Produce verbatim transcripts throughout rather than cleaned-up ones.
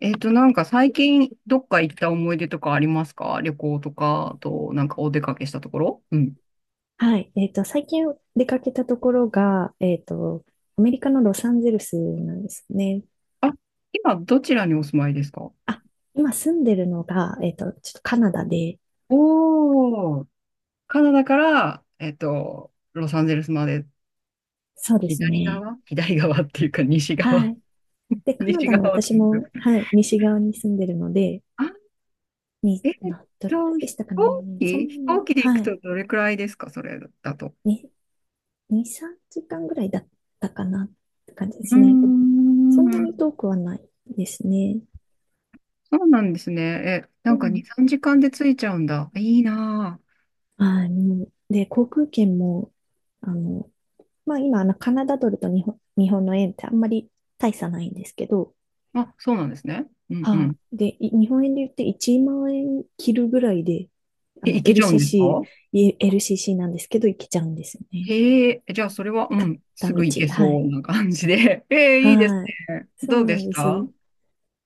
えっと、なんか最近どっか行った思い出とかありますか？旅行とか、あと、なんかお出かけしたところ。うん。はい。えっと、最近出かけたところが、えっと、アメリカのロサンゼルスなんですね。あ、今どちらにお住まいですか？あ、今住んでるのが、えっと、ちょっとカナダで、おー、カナダから、えっと、ロサンゼルスまで。そうです左ね。側左側っていうか西は側。い。で、カナ西ダの側と私いうか。も、はい、西側に住んでるので、あ、に、えっな、どれぐらと、いで飛したか行ね。そ機んな飛行に、機で行くはい。とどれくらいですか？それだと。に、に、さんじかんぐらいだったかなって感じでうーすね。そんなにん、遠くはないですね。そうなんですね。え、なうんかに、ん。さんじかんで着いちゃうんだ。いいなはい。もう、で、航空券も、あの、まあ今、あの、カナダドルと日本、日本の円ってあんまり大差ないんですけど、あ、そうなんですね。うんうはん。い。で、い日本円で言っていちまん円切るぐらいで、あえ、の、行けちゃうんですか？ エルシーシー、い エルシーシー なんですけど、行けちゃうんですよね。へえ、じゃあそれは、うん、す片ぐ行道。けはそい。うな感じで。ええ、いいですはい。ね。そうどうなでんしです。た？い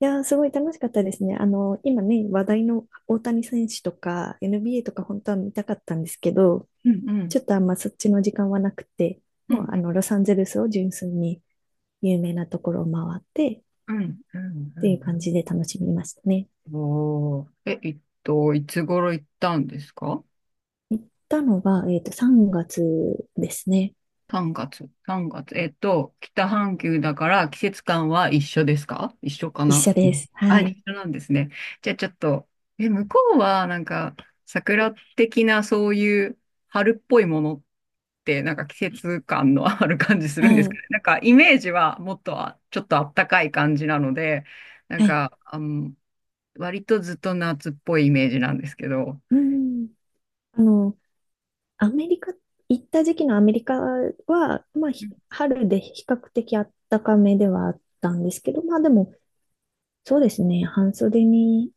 やー、すごい楽しかったですね。あの、今ね、話題の大谷選手とか エヌビーエー とか本当は見たかったんですけど、うんうちん。ょっとあんまそっちの時間はなくて、うんうもうあん。の、ロサンゼルスを純粋に有名なところを回って、うんうっんうていう感んじで楽しみましたね。うん。おー。え、えっと、いつ頃行ったんですか？行ったのが、えっと、さんがつですね。さんがつ、さんがつ。えっと、北半球だから季節感は一緒ですか？一緒か一な。緒うでん。す。あ、はい。一緒なんですね。じゃあちょっと、え、向こうはなんか桜的なそういう春っぽいものってなんか季節感のある感じするんはですかね。い。なんかイメージはもっとあちょっとあったかい感じなので、なんはい。か、あの、割とずっと夏っぽいイメージなんですけど。うん。あの、アメリカ、行った時期のアメリカは、まあ、うひん春で比較的暖かめではあったんですけど、まあでも、そうですね、半袖に、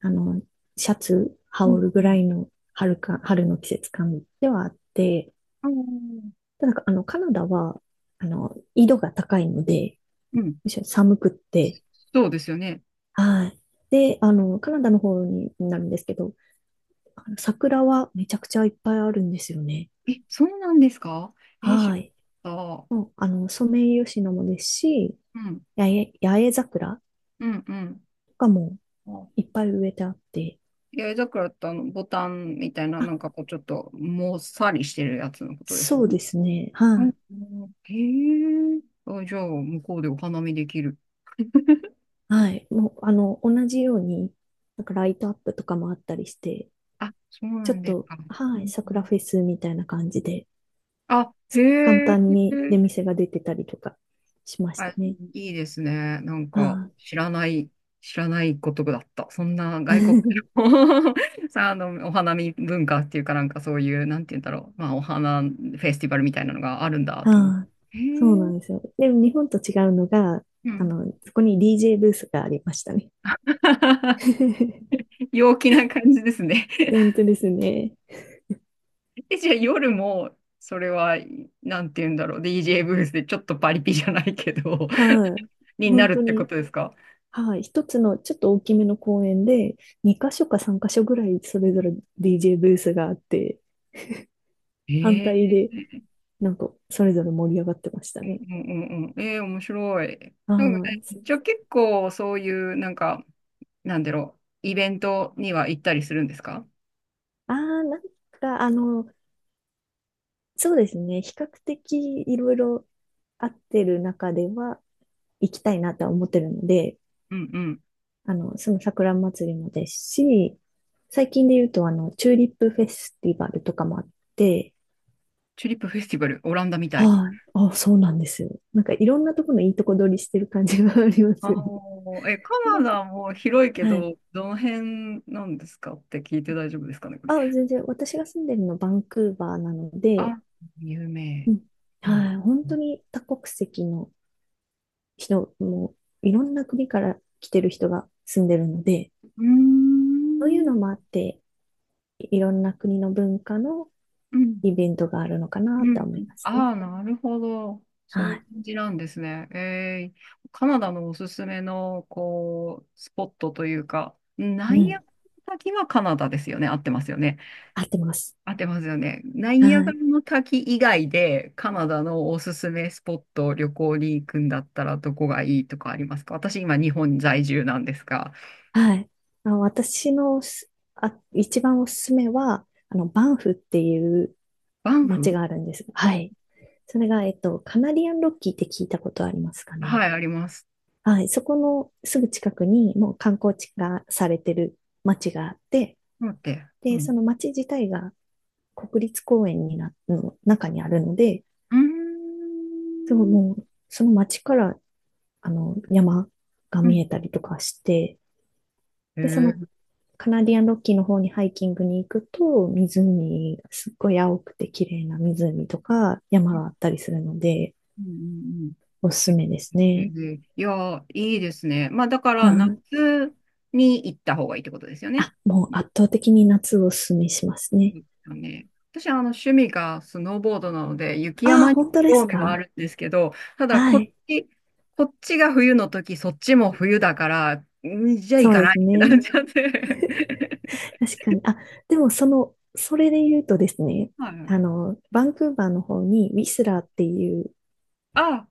あの、シャツう羽織るぐらんいの春か、春の季節感ではあって、うん。ただ、あの、カナダは、あの、緯度が高いので、うん、むしろ寒くって、そうですよね。はい。で、あの、カナダの方になるんですけど、あの桜はめちゃくちゃいっぱいあるんですよね。え、そうなんですか？えー、知はらい。なかった。もう、あの、ソメイヨシノもですし、うん、八重、八重桜うん、うん。とかもあ、いっぱい植えてあって、八重桜ってあの、ボタンみたいな、あ、なんかこう、ちょっと、もっさりしてるやつのことですそようね？ですね。うはんい。うんへえ。あ、じゃあ、向こうでお花見できる。はい。もう、あの、同じように、なんかライトアップとかもあったりして、あ、そうちなょっんですと、か。うはい、んう桜ん。フェスみたいな感じで、あ、へ簡単え。に出店が出てたりとかしましあ、たね。いいですね。なんはか、い。知らない、知らないことだった。そんな外国 の さ、あの、お花見文化っていうかなんかそういう、なんて言うんだろう。まあ、お花フェスティバルみたいなのがあるんだと思っああ、て。へそうなえ、んですよ。でも日本と違うのが、うあん。の、そこに ディージェー ブースがありましたね。陽気な感じですね。本 当ですね。え、じゃあ夜も、それは、なんて言うんだろう。ディージェー ブースでちょっとパリピじゃないけど、はい。にな本る当ってこに、とですか？はい。一つのちょっと大きめの公園で、にかしょ箇所かさんかしょ箇所ぐらいそれぞれ ディージェー ブースがあって、反対へ。で、なんか、それぞれ盛り上がってましたうんうね。んうんうん。えー、面白い。なんかね、あじゃあ結構そういう、なんか、なんだろう、イベントには行ったりするんですか？あ、ああ、なんか、あの、そうですね。比較的いろいろ合ってる中では行きたいなとは思ってるので、うんうん。あの、その桜祭りもですし、最近で言うと、あの、チューリップフェスティバルとかもあって、チューリップフェスティバル、オランダみたい。はい、あ、そうなんですよ。なんかいろんなところのいいとこ取りしてる感じがありまあすよね。あ、え、カ でナダも広いけはい。ど、どの辺なんですかって聞いて大丈夫ですかね、これ。あ、全然、私が住んでるのバンクーバーなので、あ、有う名。ん、うん。はい、本当に多国籍の人も、いろんな国から来てる人が住んでるので、うーそういうん。のもあって、いろんな国の文化のうんイベントがあるのかなうとん。は思いますね。ああ、なるほど。そういうはい。感じなんですね。えー、カナダのおすすめの、こう、スポットというか、ナうイアガん。ラの滝はカナダですよね？合ってますよね。合ってます。合ってますよね？ナイアはガラい。の滝以外で、カナダのおすすめスポット、旅行に行くんだったら、どこがいいとかありますか？私、今、日本在住なんですが。はい。あの、私のすあ、一番おすすめは、あの、バンフっていうバン街フ。があるんです。はい。それが、えっと、カナリアンロッキーって聞いたことありますかはね。い、あります。はい。そこのすぐ近くに、もう観光地化されてる街があって、待って。うで、ん。その街自体が国立公園にな、の中にあるので、うーでもん。もう、その街から、あの、山がうん。見えたりとかして、えで、そのー。カナディアンロッキーの方にハイキングに行くと、湖、すっごい青くて綺麗な湖とか山うんがあったりするので、うんうん。おすすめですえね。ーいやー、いいですね。まあ、だかはら、夏い。に行った方がいいってことですよね。あ、もうそ圧倒的に夏をおすすめしますうね。ですよね。私はあの趣味がスノーボードなので、雪ああ、山に本当です興味があか？るんですけど、ただはこっい。ち、こっちが冬の時、そっちも冬だから、んじゃあ行そうかでないすってなっね。ちゃって。確かに。あ、でもその、それで言うとですね、はい。あの、バンクーバーの方にウィスラーっていうあ、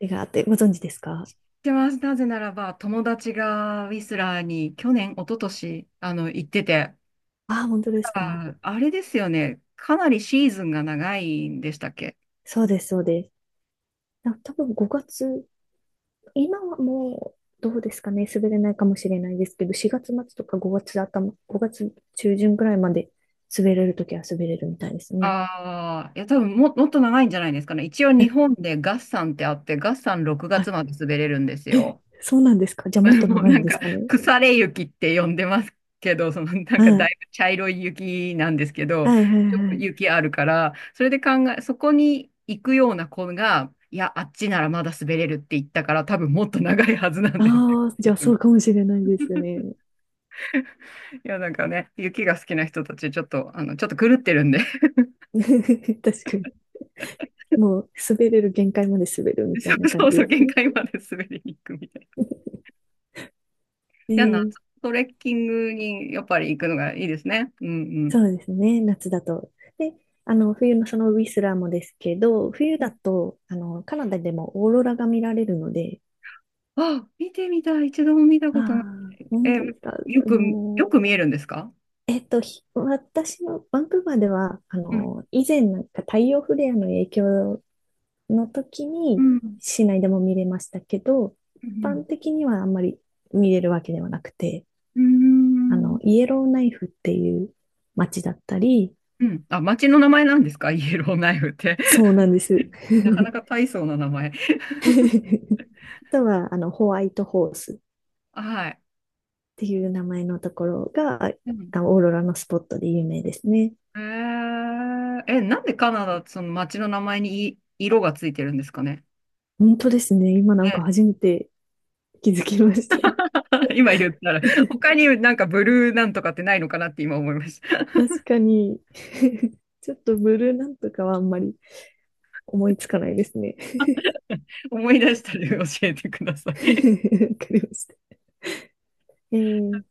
街があって、ご存知ですか？知ってます。なぜならば、友達がウィスラーに去年、一昨年あの行ってて、ああー、本当ですか？あ、あれですよね。かなりシーズンが長いんでしたっけ？そうです、そうです。な多分ごがつ今はもう、どうですかね、滑れないかもしれないですけど、しがつ末とかごがつ頭、ごがつ中旬ぐらいまで滑れるときは滑れるみたいですね。ああ、いや、多分も、もっと長いんじゃないですかね。一応え、日本で月山ってあって、月山6は月い。まで滑れるんですえ、よ。そうなんですか？じゃあもっ ともう長いなんんですか、かね。腐れ雪って呼んでますけど、そのなんはかだい。いぶ茶色い雪なんですけど、はいはいよくはい。雪あるから、それで考え、そこに行くような子が、いや、あっちならまだ滑れるって言ったから、多分もっと長いはずなんですよ。ああ、じゃあそうか もしれないですね。いや、なんかね、雪が好きな人たち、ちょっと、あの、ちょっと狂ってるんで、確かに。もう滑れる限界まで滑るみ たそいなう感そじうそう、です限ね。界まで滑りに行くみたいな。じゃあ、夏えトレッキングにやっぱり行くのがいいですね。うんそうですね、夏だと。で、あの、冬のそのウィスラーもですけど、冬だと、あの、カナダでもオーロラが見られるので、うん。あ、見てみたい。一度も見たあことなあ、い。本え、当ですか。よく、もよう、く見えるんですか？えっと、ひ私のバンクーバーでは、あうん。の、以前なんか太陽フレアの影響の時うにん。市内でも見れましたけど、一う般ん。的にはあんまり見れるわけではなくて、うあん。の、イエローナイフっていう街だったり、うん。あ、町の名前なんですか？イエローナイフって。そうなんです。なかな か大層な名前。あとは、あの、ホワイトホースっはい。ていう名前のところが、うん。あのオーロラのスポットで有名ですね。えー、え、なんでカナダ、その町の名前にい色がついてるんですかね。本当ですね。今なんね。 か初めて気づきました。今言ったら、他になんかブルーなんとかってないのかなって今思いました。確かに、 ちょっとブルーなんとかはあんまり思いつかないですね。思い出したら教えてください。わ かりました。えー、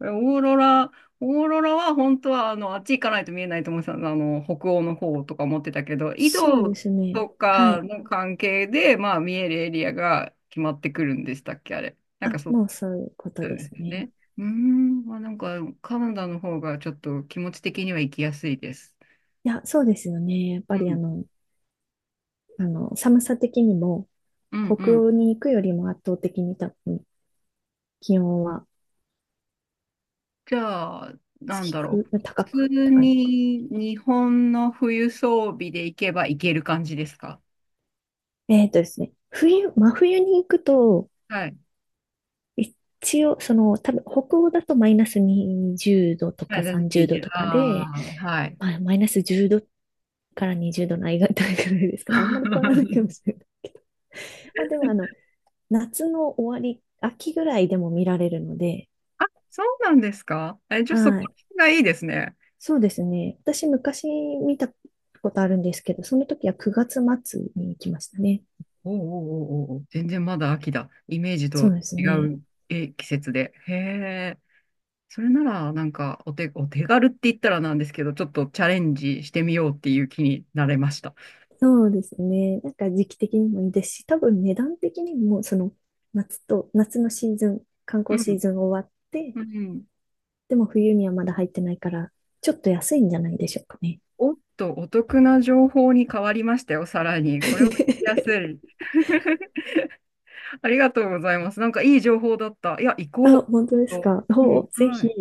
オーロラ、オーロラは本当はあのあっち行かないと見えないと思ってたの、あの北欧の方とか思ってたけど、緯そう度ですね。とはかい。の関係で、まあ、見えるエリアが決まってくるんでしたっけ、あれ。なんあ、かそう。もうそういうことそうでですすよね。ね。うーん、まあ、なんかカナダの方がちょっと気持ち的には行きやすいです。いや、そうですよね。やっうぱりあん、の、あの、寒さ的にも、うん、う北ん。欧に行くよりも圧倒的に多分気温は、じゃあ、なん低だろく、う。普高く、通高いのか。に日本の冬装備で行けば行ける感じですか？えっとですね、冬、真冬に行くと、はい。一応、その、多分、北欧だとマイナスにじゅうどとはかい、ラズ30ゲー度ジ。とかで、ああ、はい。まあ、マイナスじゅうどからにじゅうどの間いぐらいですかね。あんまり変わらないかも しれない。まあ、でも、あの、夏の終わり、秋ぐらいでも見られるので、あ、そうなんですか？え、じゃあそこはい。がいいですね。そうですね。私、昔見たことあるんですけど、その時はくがつ末に行きましたね。おうおうおうおうおう、全然まだ秋だ。イメージそうとです違ね。う。え、季節で。へえ。それなら、なんか、お手、お手軽って言ったらなんですけど、ちょっとチャレンジしてみようっていう気になれました。そうですね。なんか時期的にもいいですし、多分値段的にも、その夏と、夏のシーズン、観う光シーん。ズン終わって、うん。でも冬にはまだ入ってないから、ちょっと安いんじゃないでしょうかね。おっと、お得な情報に変わりましたよ、さらに。これを聞きやす い。ありがとうございます。なんかいい情報だった。いや、行あ、こう。本当ですと。か。うん、お、ぜはひ。い。